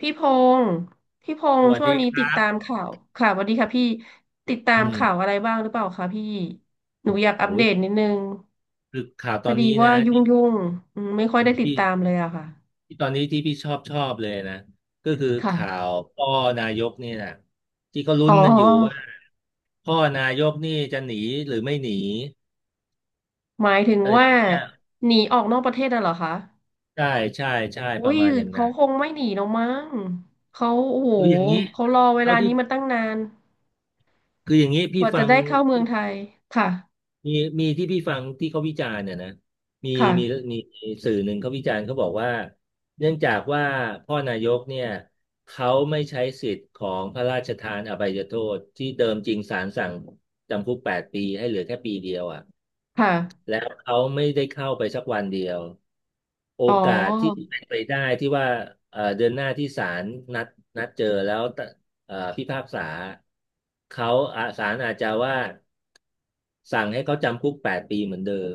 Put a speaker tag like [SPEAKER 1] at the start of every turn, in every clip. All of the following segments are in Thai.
[SPEAKER 1] พี่พงศ์พี่พ
[SPEAKER 2] ส
[SPEAKER 1] งศ์
[SPEAKER 2] วัส
[SPEAKER 1] ช่ว
[SPEAKER 2] ดี
[SPEAKER 1] งนี้
[SPEAKER 2] ค
[SPEAKER 1] ติ
[SPEAKER 2] รั
[SPEAKER 1] ด
[SPEAKER 2] บ
[SPEAKER 1] ตามข่าวค่ะสวัสดีค่ะพี่ติดตา
[SPEAKER 2] อื
[SPEAKER 1] ม
[SPEAKER 2] ม
[SPEAKER 1] ข่าวอะไรบ้างหรือเปล่าคะพี่หนูอยากอัป
[SPEAKER 2] โอ้
[SPEAKER 1] เด
[SPEAKER 2] ย
[SPEAKER 1] ตนิดนึง
[SPEAKER 2] คือข่าว
[SPEAKER 1] พ
[SPEAKER 2] ตอ
[SPEAKER 1] อ
[SPEAKER 2] น
[SPEAKER 1] ดี
[SPEAKER 2] นี้
[SPEAKER 1] ว่า
[SPEAKER 2] นะ
[SPEAKER 1] ยุ่งยุ่งไม่ค่อยได้ติดตามเล
[SPEAKER 2] ที่
[SPEAKER 1] ยอะค่ะ
[SPEAKER 2] ที่ตอนนี้ที่พี่ชอบเลยนะ ก็คือข่า
[SPEAKER 1] ค่ะ
[SPEAKER 2] วพ่อนายกนี่นะที่เขาลุ้
[SPEAKER 1] อ๋
[SPEAKER 2] น
[SPEAKER 1] อ
[SPEAKER 2] กันอยู่ว่าพ่อนายกนี่จะหนีหรือไม่หนี
[SPEAKER 1] หมายถึง
[SPEAKER 2] อะไรต
[SPEAKER 1] ว่า
[SPEAKER 2] รงเนี้ย
[SPEAKER 1] หนีออกนอกประเทศน่ะเหรอคะ
[SPEAKER 2] ใช่ใช่ใช่ป
[SPEAKER 1] อุ้
[SPEAKER 2] ระ
[SPEAKER 1] ย
[SPEAKER 2] มาณอย่างนั้
[SPEAKER 1] เขา
[SPEAKER 2] น
[SPEAKER 1] คงไม่หนีหรอกมั้งเขาโอ้โห
[SPEAKER 2] คืออย่างนี้
[SPEAKER 1] เขารอเว
[SPEAKER 2] เท่า
[SPEAKER 1] ลา
[SPEAKER 2] ที่
[SPEAKER 1] นี้มาตั้งนาน
[SPEAKER 2] คืออย่างนี้
[SPEAKER 1] ก
[SPEAKER 2] พี่
[SPEAKER 1] ว่าจะ
[SPEAKER 2] ฟัง
[SPEAKER 1] ได้เข้าเมืองไทยค่ะ
[SPEAKER 2] มีมีที่พี่ฟังที่เขาวิจารณ์เนี่ยนะมี
[SPEAKER 1] ค่ะ
[SPEAKER 2] มีมีสื่อหนึ่งเขาวิจารณ์เขาบอกว่าเนื่องจากว่าพ่อนายกเนี่ยเขาไม่ใช้สิทธิ์ของพระราชทานอภัยโทษที่เดิมจริงศาลสั่งจำคุกแปดปีให้เหลือแค่ปีเดียวอ่ะ
[SPEAKER 1] ค่ะ
[SPEAKER 2] แล้วเขาไม่ได้เข้าไปสักวันเดียวโอ
[SPEAKER 1] อ๋อ
[SPEAKER 2] กาสที่เป็นไปได้ที่ว่าเดือนหน้าที่ศาลนัดนัดเจอแล้วตะพิพากษาเขาอ่ะศาลอาจจะว่าสั่งให้เขาจำคุกแปดปีเหมือนเดิม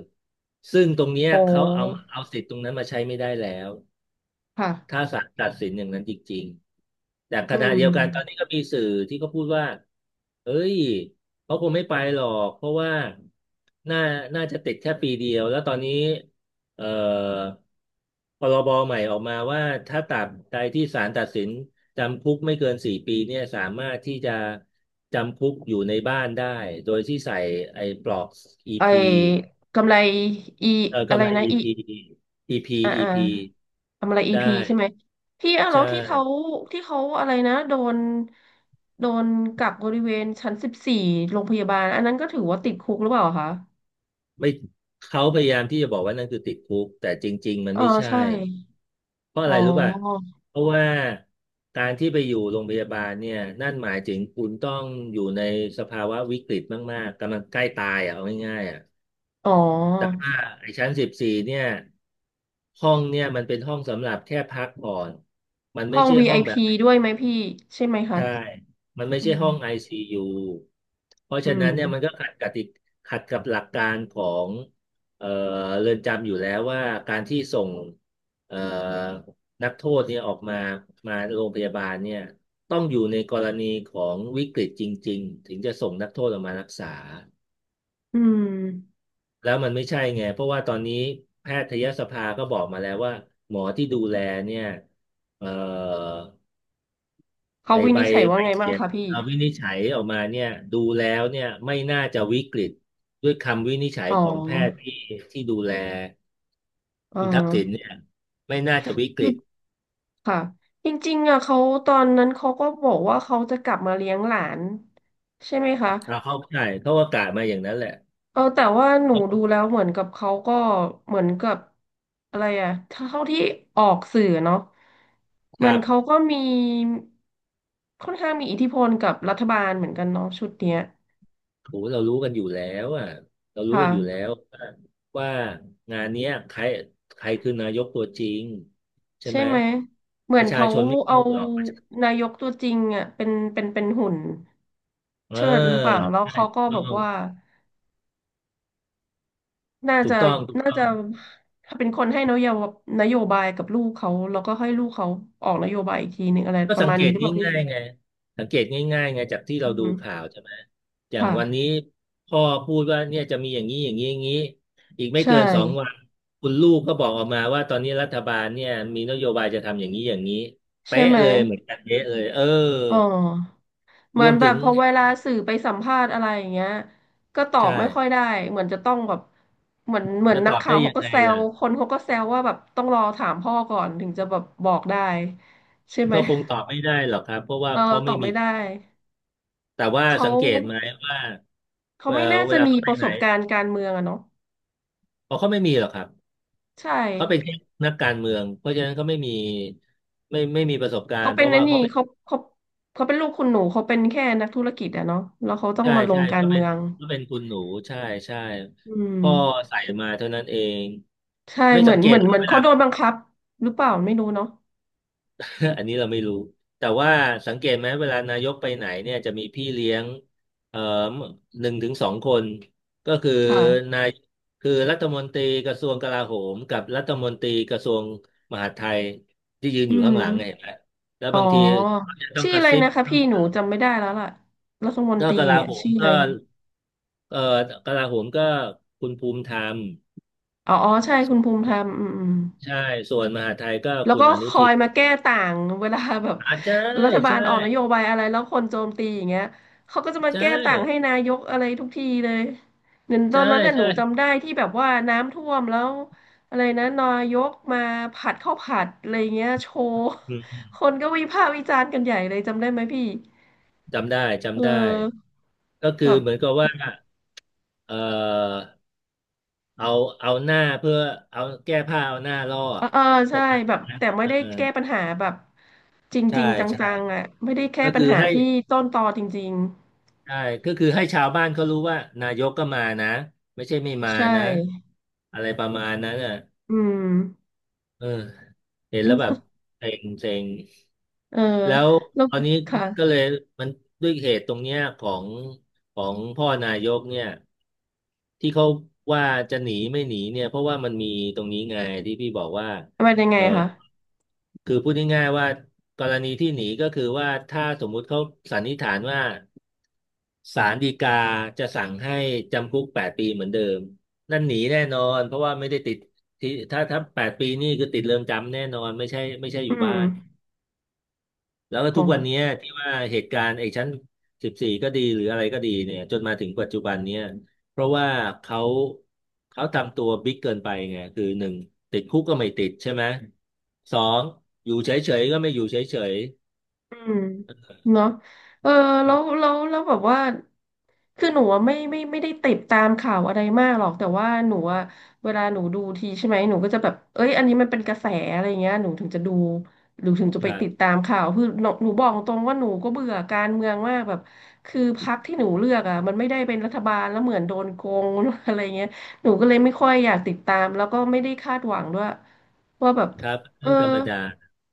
[SPEAKER 2] ซึ่งตรงเนี้ย
[SPEAKER 1] อ๋
[SPEAKER 2] เขาเอามา
[SPEAKER 1] อ
[SPEAKER 2] เอาสิทธิ์ตรงนั้นมาใช้ไม่ได้แล้ว ถ้า
[SPEAKER 1] ค่ะ
[SPEAKER 2] ศาลตัดสินอย่างนั้นจริงๆ แต่ข
[SPEAKER 1] อื
[SPEAKER 2] ณะเดี
[SPEAKER 1] ม
[SPEAKER 2] ยวกันตอนนี้ก็มีสื่อที่เขาพูดว่าเอ้ยเขาคงไม่ไปหรอก เพราะว่า น่าน่าจะติดแค่ปีเดียว แล้วตอนนี้เอ่อพรบใหม่ออกมาว่าถ้าตราบใดที่ศาลตัดสินจำคุกไม่เกินสี่ปีเนี่ยสามารถที่จะจำคุกอยู่ในบ้านได้โดยที่ใส่ไอ้ปลอก
[SPEAKER 1] ไอ้
[SPEAKER 2] EP
[SPEAKER 1] กำไรอี
[SPEAKER 2] เออ
[SPEAKER 1] อะ
[SPEAKER 2] กำ
[SPEAKER 1] ไร
[SPEAKER 2] ไร
[SPEAKER 1] นะอี
[SPEAKER 2] EP EP
[SPEAKER 1] อ่าอ่า
[SPEAKER 2] EP
[SPEAKER 1] กำไรอี
[SPEAKER 2] ได้
[SPEAKER 1] พีใช่ไหมที่อ่ะแล้
[SPEAKER 2] ใช่
[SPEAKER 1] วที่เขาที่เขาอะไรนะโดนโดนกักบริเวณชั้นสิบสี่โรงพยาบาลอันนั้นก็ถือว่าติดคุกหรือเปล่าคะ
[SPEAKER 2] ไม่เขาพยายามที่จะบอกว่านั่นคือติดคุกแต่จริงๆมัน
[SPEAKER 1] เออ
[SPEAKER 2] ไม่ใช่
[SPEAKER 1] ใช่
[SPEAKER 2] เพราะอะ
[SPEAKER 1] อ๋อ
[SPEAKER 2] ไรรู้ป่ะเพราะว่าการที่ไปอยู่โรงพยาบาลเนี่ยนั่นหมายถึงคุณต้องอยู่ในสภาวะวิกฤตมากๆกำลังใกล้ตายอ่ะเอาง่ายๆอ่ะ
[SPEAKER 1] อ๋
[SPEAKER 2] แต่
[SPEAKER 1] อ
[SPEAKER 2] ว่าไอ้ชั้นสิบสี่เนี่ยห้องเนี่ยมันเป็นห้องสำหรับแค่พักผ่อนมันไม่
[SPEAKER 1] ห้อง
[SPEAKER 2] ใช่ห้องแบบ
[SPEAKER 1] VIP ด้วยไหมพี่ใช่ไหมคะ
[SPEAKER 2] ใช่ มันไม่
[SPEAKER 1] อื
[SPEAKER 2] ใช่ห้อง
[SPEAKER 1] ม
[SPEAKER 2] ICU เพราะ
[SPEAKER 1] อื
[SPEAKER 2] ฉะนั้นเนี่ยมัน
[SPEAKER 1] ม
[SPEAKER 2] ก็ขัดกติขัดกับหลักการของเอ่อเรือนจำอยู่แล้วว่าการที่ส่งเอ่อนักโทษเนี่ยออกมามาโรงพยาบาลเนี่ยต้องอยู่ในกรณีของวิกฤตจริงๆถึงจะส่งนักโทษออกมารักษา
[SPEAKER 1] อืม
[SPEAKER 2] แล้วมันไม่ใช่ไงเพราะว่าตอนนี้แพทยสภาก็บอกมาแล้วว่าหมอที่ดูแลเนี่ยเอ่อ
[SPEAKER 1] เขา
[SPEAKER 2] ไอ้
[SPEAKER 1] วิ
[SPEAKER 2] ใบ
[SPEAKER 1] นิจฉัย
[SPEAKER 2] ใบ
[SPEAKER 1] ว่าไงบ้า
[SPEAKER 2] เขี
[SPEAKER 1] ง
[SPEAKER 2] ยน
[SPEAKER 1] คะพี่
[SPEAKER 2] วินิจฉัยออกมาเนี่ยดูแล้วเนี่ยไม่น่าจะวิกฤตด้วยคำวินิจฉัย
[SPEAKER 1] อ๋อ
[SPEAKER 2] ของแพทย์ที่ที่ดูแล
[SPEAKER 1] เออ
[SPEAKER 2] คุณทักษิณเนี่ยไม่น่าจะวิกฤต
[SPEAKER 1] ค่ะจริงๆอ่ะเขาตอนนั้นเขาก็บอกว่าเขาจะกลับมาเลี้ยงหลานใช่ไหมคะ
[SPEAKER 2] เราเข้าใจเขาอากาศมาอย่างนั้นแหละ
[SPEAKER 1] เออแต่ว่าหนูดูแล้วเหมือนกับเขาก็เหมือนกับอะไรอ่ะถ้าเท่าที่ออกสื่อเนาะ
[SPEAKER 2] ค
[SPEAKER 1] เหมือ
[SPEAKER 2] รั
[SPEAKER 1] น
[SPEAKER 2] บ
[SPEAKER 1] เขาก็มีค่อนข้างมีอิทธิพลกับรัฐบาลเหมือนกันเนาะชุดเนี้ย
[SPEAKER 2] โหเรารู้กันอยู่แล้วอ่ะเรา
[SPEAKER 1] ค
[SPEAKER 2] รู้กันอยู่แล้
[SPEAKER 1] ่ะ
[SPEAKER 2] วว่าว่างานเนี้ยใครใครคือนายกตัวจริงใช่
[SPEAKER 1] ใช่
[SPEAKER 2] ไหม
[SPEAKER 1] ไหมเหมื
[SPEAKER 2] ป
[SPEAKER 1] อน
[SPEAKER 2] ระชา
[SPEAKER 1] เขา
[SPEAKER 2] ชนไม่
[SPEAKER 1] เอา
[SPEAKER 2] โง่หรอกประชา
[SPEAKER 1] นายกตัวจริงอ่ะเป็นหุ่น
[SPEAKER 2] เออ
[SPEAKER 1] เชิดหรือเปล่าแล้ว
[SPEAKER 2] ใช่
[SPEAKER 1] เขาก็แบบว่า น่า
[SPEAKER 2] ถูก
[SPEAKER 1] จะ
[SPEAKER 2] ต้องถูก
[SPEAKER 1] น่า
[SPEAKER 2] ต้อ
[SPEAKER 1] จะ
[SPEAKER 2] งถูกต้อง
[SPEAKER 1] ถ้าเป็นคนให้นโยบนโยบายกับลูกเขาแล้วก็ให้ลูกเขาออกนโยบายอีกทีหนึ่งอะไร
[SPEAKER 2] ก็
[SPEAKER 1] ประ
[SPEAKER 2] สัง
[SPEAKER 1] มาณ
[SPEAKER 2] เก
[SPEAKER 1] นี้
[SPEAKER 2] ต
[SPEAKER 1] หรือเปล่าพี่
[SPEAKER 2] ง่ายๆไงสังเกตง่ายๆไงจากที่เรา
[SPEAKER 1] อือ
[SPEAKER 2] ดู
[SPEAKER 1] ฮึ
[SPEAKER 2] ข่าวใช่ไหมอย่าง
[SPEAKER 1] ค่ะ
[SPEAKER 2] วันนี้พ่อพูดว่าเนี่ยจะมีอย่างนี้อย่างนี้อย่างนี้อีกไม่
[SPEAKER 1] ใช่
[SPEAKER 2] เกินสองวันคุณลูกก็บอกออกมาว่าตอนนี้รัฐบาลเนี่ยมีนโยบายจะทำอย่างนี้อย่างนี้
[SPEAKER 1] ใช่
[SPEAKER 2] เป๊ะ
[SPEAKER 1] ไหม
[SPEAKER 2] เลยเหมือนกันเป๊ะเลยเออ
[SPEAKER 1] อ๋อเห
[SPEAKER 2] ร
[SPEAKER 1] มือ
[SPEAKER 2] ว
[SPEAKER 1] น
[SPEAKER 2] ม
[SPEAKER 1] แบ
[SPEAKER 2] ถึ
[SPEAKER 1] บ
[SPEAKER 2] ง
[SPEAKER 1] พอเวลาสื่อไปสัมภาษณ์อะไรอย่างเงี้ยก็ตอ
[SPEAKER 2] ใช่
[SPEAKER 1] บไม่ค่อยได้เหมือนจะต้องแบบเหมือน
[SPEAKER 2] จะต
[SPEAKER 1] นั
[SPEAKER 2] อ
[SPEAKER 1] ก
[SPEAKER 2] บ
[SPEAKER 1] ข่า
[SPEAKER 2] ได้
[SPEAKER 1] ว
[SPEAKER 2] ยั
[SPEAKER 1] เขา
[SPEAKER 2] ง
[SPEAKER 1] ก็
[SPEAKER 2] ไง
[SPEAKER 1] แซ
[SPEAKER 2] ล่ะ
[SPEAKER 1] วคนเขาก็แซวว่าแบบต้องรอถามพ่อก่อนถึงจะแบบบอกได้ใช่ไหม
[SPEAKER 2] ก็คงตอบไม่ได้หรอกครับเพราะว่า
[SPEAKER 1] เออ
[SPEAKER 2] เขา
[SPEAKER 1] ต
[SPEAKER 2] ไม่
[SPEAKER 1] อบ
[SPEAKER 2] มี
[SPEAKER 1] ไม่ได้
[SPEAKER 2] แต่ว่า
[SPEAKER 1] เขา
[SPEAKER 2] สังเกตไหมว่า
[SPEAKER 1] เขา
[SPEAKER 2] เออ
[SPEAKER 1] ไม่น่า
[SPEAKER 2] เว
[SPEAKER 1] จะ
[SPEAKER 2] ลา
[SPEAKER 1] มี
[SPEAKER 2] เขาไป
[SPEAKER 1] ประ
[SPEAKER 2] ไห
[SPEAKER 1] ส
[SPEAKER 2] น
[SPEAKER 1] บการณ์การเมืองอะเนาะ
[SPEAKER 2] อ๋อเขาไม่มีหรอกครับ
[SPEAKER 1] ใช่
[SPEAKER 2] เขาเป็นแค่นักการเมืองเพราะฉะนั้นเขาไม่มีประสบการ
[SPEAKER 1] เขา
[SPEAKER 2] ณ์เพ
[SPEAKER 1] เป็น
[SPEAKER 2] ราะ
[SPEAKER 1] น
[SPEAKER 2] ว่า
[SPEAKER 1] นนี่
[SPEAKER 2] เขาเป็น
[SPEAKER 1] เขาเขาเขาเป็นลูกคุณหนูเขาเป็นแค่นักธุรกิจอะเนาะแล้วเขาต้อง
[SPEAKER 2] ใช่
[SPEAKER 1] มาล
[SPEAKER 2] ใช่
[SPEAKER 1] งกา
[SPEAKER 2] ก็
[SPEAKER 1] ร
[SPEAKER 2] เป็
[SPEAKER 1] เมื
[SPEAKER 2] น
[SPEAKER 1] อง
[SPEAKER 2] ก็เป็นคุณหนูใช่ใช่
[SPEAKER 1] อืม
[SPEAKER 2] พ่อใส่มาเท่านั้นเอง
[SPEAKER 1] ใช่
[SPEAKER 2] ไม่
[SPEAKER 1] เหมื
[SPEAKER 2] สั
[SPEAKER 1] อ
[SPEAKER 2] ง
[SPEAKER 1] น
[SPEAKER 2] เก
[SPEAKER 1] เห
[SPEAKER 2] ต
[SPEAKER 1] มือน
[SPEAKER 2] เหรอ
[SPEAKER 1] เหมือน
[SPEAKER 2] เว
[SPEAKER 1] เขา
[SPEAKER 2] ลา
[SPEAKER 1] โดนบังคับหรือเปล่าไม่รู้เนาะ
[SPEAKER 2] อันนี้เราไม่รู้แต่ว่าสังเกตไหมเวลานายกไปไหนเนี่ยจะมีพี่เลี้ยงเอ่อหนึ่งถึงสองคนก็คือ
[SPEAKER 1] ค่ะ
[SPEAKER 2] นายคือรัฐมนตรีกระทรวงกลาโหมกับรัฐมนตรีกระทรวงมหาดไทยที่ยืน
[SPEAKER 1] อื
[SPEAKER 2] อยู่ข้างหลังไงเห็
[SPEAKER 1] ม
[SPEAKER 2] นไหมแล้ว
[SPEAKER 1] อ๋อ
[SPEAKER 2] บางทีก็จะต้อง
[SPEAKER 1] ชื่อ
[SPEAKER 2] กระ
[SPEAKER 1] อะไร
[SPEAKER 2] ซิบ
[SPEAKER 1] นะคะพี่หนูจำไม่ได้แล้วล่ะรัฐมน
[SPEAKER 2] ก็
[SPEAKER 1] ตรี
[SPEAKER 2] กลา
[SPEAKER 1] เนี่ย
[SPEAKER 2] โหม
[SPEAKER 1] ชื่ออะ
[SPEAKER 2] ก็
[SPEAKER 1] ไร
[SPEAKER 2] เออกลาโหมก็คุณภูมิธรรม
[SPEAKER 1] อ๋ออ๋อใช่คุณภูมิธรรมอืมอืม
[SPEAKER 2] ใช่ส่วนมหาดไทยก็
[SPEAKER 1] แล้ว
[SPEAKER 2] คุณ
[SPEAKER 1] ก็
[SPEAKER 2] อ
[SPEAKER 1] ค
[SPEAKER 2] นุ
[SPEAKER 1] อ
[SPEAKER 2] ทิ
[SPEAKER 1] ย
[SPEAKER 2] น
[SPEAKER 1] มาแก้ต่างเวลาแบบ
[SPEAKER 2] อ่า
[SPEAKER 1] รัฐบา
[SPEAKER 2] ใช่
[SPEAKER 1] ลออกนโยบายอะไรแล้วคนโจมตีอย่างเงี้ยเขาก็จะมา
[SPEAKER 2] ใช่
[SPEAKER 1] แก้ต่างให้นายกอะไรทุกทีเลยเหมือนตอ
[SPEAKER 2] ใช่
[SPEAKER 1] นนั้นน่ะหนู
[SPEAKER 2] ใช่
[SPEAKER 1] จำได้ที่แบบว่าน้ำท่วมแล้วอะไรนะนายกมาผัดข้าวผัดอะไรเงี้ยโชว์
[SPEAKER 2] อืม
[SPEAKER 1] คนก็วิพากษ์วิจารณ์กันใหญ่เลยจำได้ไหมพี่
[SPEAKER 2] จำได้
[SPEAKER 1] เอ
[SPEAKER 2] จำได้
[SPEAKER 1] อ
[SPEAKER 2] ก็คือ
[SPEAKER 1] แบบ
[SPEAKER 2] เหมือนกับว่าเออเอาเอาหน้าเพื่อเอาแก้ผ้าเอาหน้าล่อ
[SPEAKER 1] เออเออ
[SPEAKER 2] ป
[SPEAKER 1] ใช่
[SPEAKER 2] ระมาณ
[SPEAKER 1] แบบ
[SPEAKER 2] นั้น
[SPEAKER 1] แต่ไม่
[SPEAKER 2] เอ
[SPEAKER 1] ได้
[SPEAKER 2] อ
[SPEAKER 1] แก้ปัญหาแบบจ
[SPEAKER 2] ใช่
[SPEAKER 1] ริงๆจ
[SPEAKER 2] ใช่
[SPEAKER 1] ังๆอ่ะไม่ได้แก้
[SPEAKER 2] ก็
[SPEAKER 1] ปัญ
[SPEAKER 2] คือ
[SPEAKER 1] หา
[SPEAKER 2] ให้
[SPEAKER 1] ที่ต้นตอจริง
[SPEAKER 2] ใช่ก็คือให้ชาวบ้านเขารู้ว่านายกก็มานะไม่ใช่ไม่
[SPEAKER 1] ๆ
[SPEAKER 2] มา
[SPEAKER 1] ใช่
[SPEAKER 2] นะอะไรประมาณนั้นอ่ะ
[SPEAKER 1] อืม
[SPEAKER 2] เออเห็น
[SPEAKER 1] แล้
[SPEAKER 2] แล้ว
[SPEAKER 1] ว
[SPEAKER 2] แบบเซ็งเซ็ง
[SPEAKER 1] เออ
[SPEAKER 2] แล้ว
[SPEAKER 1] แล้ว
[SPEAKER 2] ตอนนี้
[SPEAKER 1] ค่ะ
[SPEAKER 2] ก็เลยมันด้วยเหตุตรงเนี้ยของพ่อนายกเนี่ยที่เขาว่าจะหนีไม่หนีเนี่ยเพราะว่ามันมีตรงนี้ไงที่พี่บอกว่า
[SPEAKER 1] เป็นยังไง
[SPEAKER 2] เออ
[SPEAKER 1] คะ
[SPEAKER 2] คือพูดง่ายๆว่ากรณีที่หนีก็คือว่าถ้าสมมุติเขาสันนิษฐานว่าศาลฎีกาจะสั่งให้จำคุกแปดปีเหมือนเดิมนั่นหนีแน่นอนเพราะว่าไม่ได้ติดที่ถ้าแปดปีนี่คือติดเรือนจำแน่นอนไม่ใช่ไม่ใช่อ
[SPEAKER 1] อื
[SPEAKER 2] ยู่บ้า
[SPEAKER 1] ม
[SPEAKER 2] น แล้วก็ทุกวัน
[SPEAKER 1] โห
[SPEAKER 2] เนี้ยที่ว่าเหตุการณ์ไอ้ชั้น14ก็ดีหรืออะไรก็ดีเนี่ยจนมาถึงปัจจุบันเนี้ยเพราะว่าเขาเขาทำตัวบิ๊กเกินไปไงคือ1ติดคุกก็ไม่ติดใช่ไหมสองอยู่เฉยๆก็ไม่อยู่เฉย
[SPEAKER 1] อืมเนาะเออแล้วแบบว่าคือหนูอะไม่ได้ติดตามข่าวอะไรมากหรอกแต่ว่าหนูอะเวลาหนูดูทีใช่ไหมหนูก็จะแบบเอ้ยอันนี้มันเป็นกระแสอะไรเงี้ยหนูถึงจะดูหรือถึงจะ
[SPEAKER 2] ๆค
[SPEAKER 1] ไป
[SPEAKER 2] รับ
[SPEAKER 1] ติดตามข่าวคือหนูบอกตรงว่าหนูก็เบื่อการเมืองมากแบบคือพรรคที่หนูเลือกอ่ะมันไม่ได้เป็นรัฐบาลแล้วเหมือนโดนโกง อะไรเงี้ยหนูก็เลยไม่ค่อยอยากติดตามแล้วก็ไม่ได้คาดหวังด้วยว่าแบบ
[SPEAKER 2] ครับ
[SPEAKER 1] เออ
[SPEAKER 2] เรื่องธรรมดา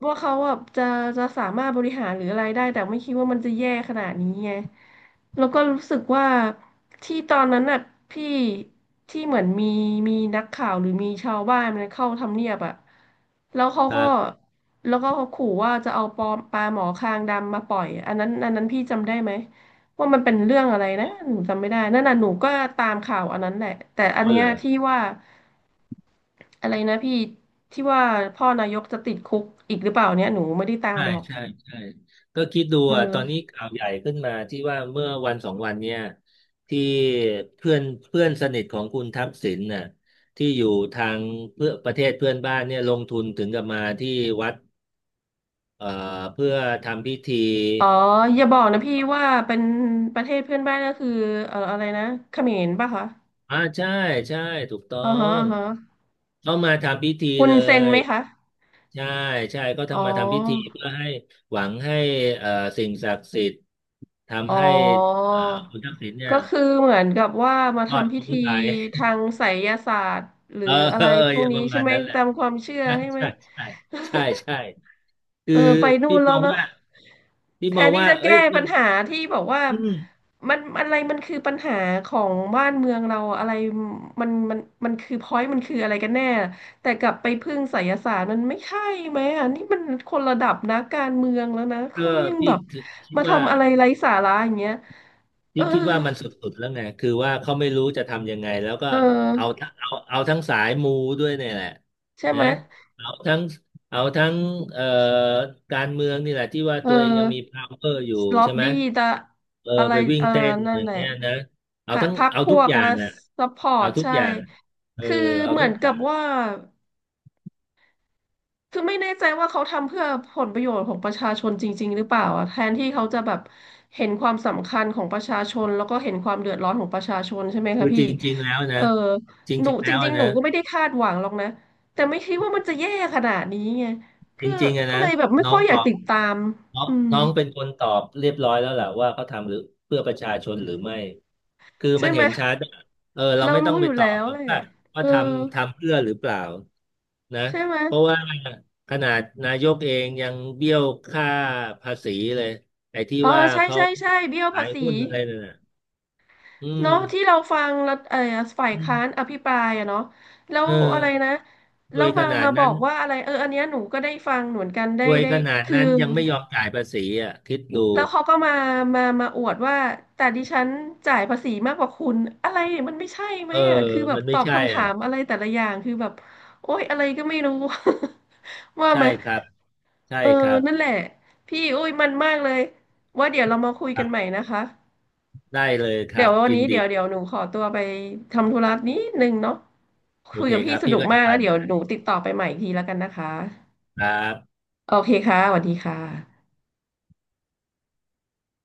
[SPEAKER 1] ว่าเขาแบบจะจะสามารถบริหารหรืออะไรได้แต่ไม่คิดว่ามันจะแย่ขนาดนี้ไงแล้วก็รู้สึกว่าที่ตอนนั้นน่ะพี่ที่เหมือนมีมีนักข่าวหรือมีชาวบ้านมันเข้าทำเนียบอะแล้วเขา
[SPEAKER 2] ค
[SPEAKER 1] ก็
[SPEAKER 2] รับ
[SPEAKER 1] แล้วก็เขาขู่ว่าจะเอาปอมปลาหมอคางดำมาปล่อยอันนั้นอันนั้นพี่จำได้ไหมว่ามันเป็นเรื่องอะไรนะหนูจำไม่ได้นั่นน่ะหนูก็ตามข่าวอันนั้นแหละแต่อัน
[SPEAKER 2] อ๋อ
[SPEAKER 1] เนี้
[SPEAKER 2] เหร
[SPEAKER 1] ย
[SPEAKER 2] อ
[SPEAKER 1] ที่ว่า อะไรนะพี่ที่ว่าพ่อนายกจะติดคุกอีกหรือเปล่าเนี่ยหนูไม่ได้ตาม
[SPEAKER 2] ใช่
[SPEAKER 1] หรอก
[SPEAKER 2] ใช่ใช่ก็คิดดู
[SPEAKER 1] เ
[SPEAKER 2] อ่ะตอนนี้
[SPEAKER 1] ออ
[SPEAKER 2] ข่าวใหญ่ขึ้นมาที่ว่าเมื่อวันสองวันเนี่ยที่เพื่อนเพื่อนสนิทของคุณทักษิณน่ะที่อยู่ทางเพื่อประเทศเพื่อนบ้านเนี่ยลงทุนถึงกับมาที่วัดเอ่อเพื่อทำพิธี
[SPEAKER 1] อ๋ออย่าบอกนะพี่ว่าเป็นประเทศเพื่อนบ้านก็คืออะไรนะเขมรป่ะคะ
[SPEAKER 2] อ่าใช่ใช่ถูกต้อ
[SPEAKER 1] อ่าฮะ
[SPEAKER 2] ง
[SPEAKER 1] อ่าฮะ
[SPEAKER 2] เขามาทำพิธี
[SPEAKER 1] คุณ
[SPEAKER 2] เล
[SPEAKER 1] เซ็น
[SPEAKER 2] ย
[SPEAKER 1] ไหมคะ
[SPEAKER 2] ใช่ใช่ก็
[SPEAKER 1] อ๋อ
[SPEAKER 2] ทำมาทำพิธีเพื่อให้หวังให้เอ่อสิ่งศักดิ์สิทธิ์
[SPEAKER 1] อ๋อ
[SPEAKER 2] ทำให้เอ่อคุณทักษิณเนี่ย
[SPEAKER 1] ก็คือเหมือนกับว่ามา
[SPEAKER 2] ยอด
[SPEAKER 1] ทำ
[SPEAKER 2] ข
[SPEAKER 1] พิ
[SPEAKER 2] อง
[SPEAKER 1] ธี
[SPEAKER 2] ไทย
[SPEAKER 1] ทางไสยศาสตร์หรื
[SPEAKER 2] เอ
[SPEAKER 1] อ
[SPEAKER 2] อ
[SPEAKER 1] อะ
[SPEAKER 2] เออ
[SPEAKER 1] ไรพวก
[SPEAKER 2] ป
[SPEAKER 1] นี้
[SPEAKER 2] ระ
[SPEAKER 1] ใช่
[SPEAKER 2] มาณ
[SPEAKER 1] ไหม
[SPEAKER 2] นั้นแหละ
[SPEAKER 1] ตามความเชื่อ
[SPEAKER 2] ใช่
[SPEAKER 1] ใช่ไหม
[SPEAKER 2] ใช่ใช่ใช่ใช่คือ
[SPEAKER 1] เออไปนู่
[SPEAKER 2] พี่
[SPEAKER 1] น
[SPEAKER 2] ม
[SPEAKER 1] แล้
[SPEAKER 2] อ
[SPEAKER 1] ว
[SPEAKER 2] ง
[SPEAKER 1] เนาะ
[SPEAKER 2] ว่าพี่
[SPEAKER 1] แท
[SPEAKER 2] มอง
[SPEAKER 1] นที่
[SPEAKER 2] ว่า
[SPEAKER 1] จะ
[SPEAKER 2] เอ้
[SPEAKER 1] แก้
[SPEAKER 2] ยมั
[SPEAKER 1] ปั
[SPEAKER 2] น
[SPEAKER 1] ญหาที่บอกว่า
[SPEAKER 2] อืม
[SPEAKER 1] มันอะไรมันคือปัญหาของบ้านเมืองเราอะไรมันมันมันคือพอยต์มันคืออะไรกันแน่แต่กลับไปพึ่งไสยศาสตร์มันไม่ใช่ไหมอ่ะนี่มันคนระดับนะการเมืองแล้วนะ
[SPEAKER 2] เออ
[SPEAKER 1] เขายัง
[SPEAKER 2] พี่
[SPEAKER 1] แบบ
[SPEAKER 2] ถึงคิด
[SPEAKER 1] มา
[SPEAKER 2] ว่า
[SPEAKER 1] ทำอะไรไร้สาระอย่างเงี้ยเอ
[SPEAKER 2] พี่
[SPEAKER 1] อ
[SPEAKER 2] คิดว่ามันสุดๆแล้วไงคือว่าเขาไม่รู้จะทำยังไงแล้วก็
[SPEAKER 1] เออ
[SPEAKER 2] เอาทั้งสายมูด้วยเนี่ยแหละ
[SPEAKER 1] ใช่
[SPEAKER 2] นะ
[SPEAKER 1] ไหม
[SPEAKER 2] เอาทั้งเอาทั้งเอ่อการเมืองนี่แหละที่ว่า
[SPEAKER 1] เอ
[SPEAKER 2] ตัวเองยังมี
[SPEAKER 1] อ
[SPEAKER 2] power อยู่
[SPEAKER 1] ล็อบ
[SPEAKER 2] ใช่ไหม
[SPEAKER 1] บี้ตะ
[SPEAKER 2] เออ
[SPEAKER 1] อะไร
[SPEAKER 2] ไปวิ่ง
[SPEAKER 1] เออ
[SPEAKER 2] เต้น
[SPEAKER 1] นั่
[SPEAKER 2] อ
[SPEAKER 1] น
[SPEAKER 2] ย่า
[SPEAKER 1] แห
[SPEAKER 2] ง
[SPEAKER 1] ละ
[SPEAKER 2] เงี้ยนะ
[SPEAKER 1] พ
[SPEAKER 2] เอา
[SPEAKER 1] รร
[SPEAKER 2] ทั้ง
[SPEAKER 1] พรร
[SPEAKER 2] เอา
[SPEAKER 1] พ
[SPEAKER 2] ทุ
[SPEAKER 1] ว
[SPEAKER 2] ก
[SPEAKER 1] ก
[SPEAKER 2] อย่า
[SPEAKER 1] นะ
[SPEAKER 2] งอ่ะ
[SPEAKER 1] ซัพพอร์
[SPEAKER 2] เอา
[SPEAKER 1] ต
[SPEAKER 2] ทุก
[SPEAKER 1] ใช่
[SPEAKER 2] อย่างเออ
[SPEAKER 1] คือ
[SPEAKER 2] เอา
[SPEAKER 1] เหมื
[SPEAKER 2] ทุ
[SPEAKER 1] อ
[SPEAKER 2] ก
[SPEAKER 1] น
[SPEAKER 2] อ
[SPEAKER 1] กั
[SPEAKER 2] ย่า
[SPEAKER 1] บ
[SPEAKER 2] ง
[SPEAKER 1] ว่าคือไม่แน่ใจว่าเขาทำเพื่อผลประโยชน์ของประชาชนจริงๆหรือเปล่าอะแทนที่เขาจะแบบเห็นความสำคัญของประชาชนแล้วก็เห็นความเดือดร้อนของประชาชนใช่ไหม
[SPEAKER 2] คื
[SPEAKER 1] คะ
[SPEAKER 2] อจ
[SPEAKER 1] พี่
[SPEAKER 2] ริงๆแล้ว
[SPEAKER 1] เอ
[SPEAKER 2] นะ
[SPEAKER 1] อ
[SPEAKER 2] จ
[SPEAKER 1] หนู
[SPEAKER 2] ริงๆ
[SPEAKER 1] จ
[SPEAKER 2] แล้ว
[SPEAKER 1] ริง
[SPEAKER 2] อะ
[SPEAKER 1] ๆหนู
[SPEAKER 2] นะ
[SPEAKER 1] ก็ไม่ได้คาดหวังหรอกนะแต่ไม่คิดว่ามันจะแย่ขนาดนี้ไง
[SPEAKER 2] จ
[SPEAKER 1] ก็
[SPEAKER 2] ริงๆอะ
[SPEAKER 1] ก็
[SPEAKER 2] นะ
[SPEAKER 1] เลยแบบไม่
[SPEAKER 2] น้อ
[SPEAKER 1] ค่
[SPEAKER 2] ง
[SPEAKER 1] อยอ
[SPEAKER 2] ต
[SPEAKER 1] ยาก
[SPEAKER 2] อง
[SPEAKER 1] ติดตาม
[SPEAKER 2] น้อง
[SPEAKER 1] อืม
[SPEAKER 2] น้องเป็นคนตอบเรียบร้อยแล้วแหละว่าเขาทำหรือเพื่อประชาชนหรือไม่คือ
[SPEAKER 1] ใช่
[SPEAKER 2] มัน
[SPEAKER 1] ไหม
[SPEAKER 2] เห็นชัดอะเออเรา
[SPEAKER 1] เรา
[SPEAKER 2] ไม่ต้อ
[SPEAKER 1] รู้
[SPEAKER 2] ง
[SPEAKER 1] อ
[SPEAKER 2] ไป
[SPEAKER 1] ยู่
[SPEAKER 2] ตอ
[SPEAKER 1] แล้
[SPEAKER 2] บ
[SPEAKER 1] ว
[SPEAKER 2] หรอ
[SPEAKER 1] แห
[SPEAKER 2] ก
[SPEAKER 1] ละ
[SPEAKER 2] ว่าว่า
[SPEAKER 1] เออ
[SPEAKER 2] ทำเพื่อหรือเปล่านะ
[SPEAKER 1] ใช่ไหม
[SPEAKER 2] เพราะว่าขนาดนายกเองยังเบี้ยวค่าภาษีเลยไอ้ที่
[SPEAKER 1] อ๋อ
[SPEAKER 2] ว่า
[SPEAKER 1] ใช่
[SPEAKER 2] เขา
[SPEAKER 1] ใช่ใช่เบี้ยว
[SPEAKER 2] ขา
[SPEAKER 1] ภา
[SPEAKER 2] ย
[SPEAKER 1] ษี
[SPEAKER 2] หุ้นอะไรนั่นน่ะอืม
[SPEAKER 1] เนาะที่เราฟังรัฐเออฝ่าย
[SPEAKER 2] อืม
[SPEAKER 1] ค้านอภิปรายอะเนาะแล้ว
[SPEAKER 2] เออ
[SPEAKER 1] อะไรนะ
[SPEAKER 2] ร
[SPEAKER 1] แล้
[SPEAKER 2] ว
[SPEAKER 1] ว
[SPEAKER 2] ยข
[SPEAKER 1] มา
[SPEAKER 2] นาด
[SPEAKER 1] มาบอ
[SPEAKER 2] นั้น
[SPEAKER 1] กว่าอะไรเอออันเนี้ยหนูก็ได้ฟังเหมือนกันได้
[SPEAKER 2] รวย
[SPEAKER 1] ได้
[SPEAKER 2] ขนาด
[SPEAKER 1] คือ
[SPEAKER 2] นั้นยังไม่ยอมจ่ายภาษีอ่ะคิดดู
[SPEAKER 1] แล้วเขาก็มามาอวดว่าแต่ดิฉันจ่ายภาษีมากกว่าคุณอะไรมันไม่ใช่ไหม
[SPEAKER 2] เออ
[SPEAKER 1] อ่ะคือแบบ
[SPEAKER 2] มัน
[SPEAKER 1] ต
[SPEAKER 2] ไม่
[SPEAKER 1] อบ
[SPEAKER 2] ใช่
[SPEAKER 1] คำถา
[SPEAKER 2] อ่ะ
[SPEAKER 1] มอะไรแต่ละอย่างคือแบบโอ๊ยอะไรก็ไม่รู้ ว่าไหม
[SPEAKER 2] ใช่ครับใช่
[SPEAKER 1] เอ
[SPEAKER 2] ค
[SPEAKER 1] อ
[SPEAKER 2] รับ
[SPEAKER 1] นั่นแหละพี่อุ้ยมันมากเลยว่าเดี๋ยวเรามาคุยกันใหม่นะคะ
[SPEAKER 2] ได้เลยค
[SPEAKER 1] เดี๋
[SPEAKER 2] รั
[SPEAKER 1] ย
[SPEAKER 2] บ
[SPEAKER 1] ววัน
[SPEAKER 2] ยิน
[SPEAKER 1] นี้
[SPEAKER 2] ดี
[SPEAKER 1] เดี๋ยวหนูขอตัวไปทำธุระนิดนึงเนาะ
[SPEAKER 2] โอ
[SPEAKER 1] คุย
[SPEAKER 2] เค
[SPEAKER 1] กับ
[SPEAKER 2] ค
[SPEAKER 1] พี่
[SPEAKER 2] รับ
[SPEAKER 1] ส
[SPEAKER 2] พี่
[SPEAKER 1] นุก
[SPEAKER 2] ก็จะ
[SPEAKER 1] มาก
[SPEAKER 2] ไป
[SPEAKER 1] แล้ว
[SPEAKER 2] เหมื
[SPEAKER 1] เดี๋
[SPEAKER 2] อ
[SPEAKER 1] ย
[SPEAKER 2] น
[SPEAKER 1] ว
[SPEAKER 2] กัน
[SPEAKER 1] หนูติดต่อไปใหม่อีกทีแล้วกันนะคะ
[SPEAKER 2] ครับ
[SPEAKER 1] โอเคค่ะสวัสดีค่ะ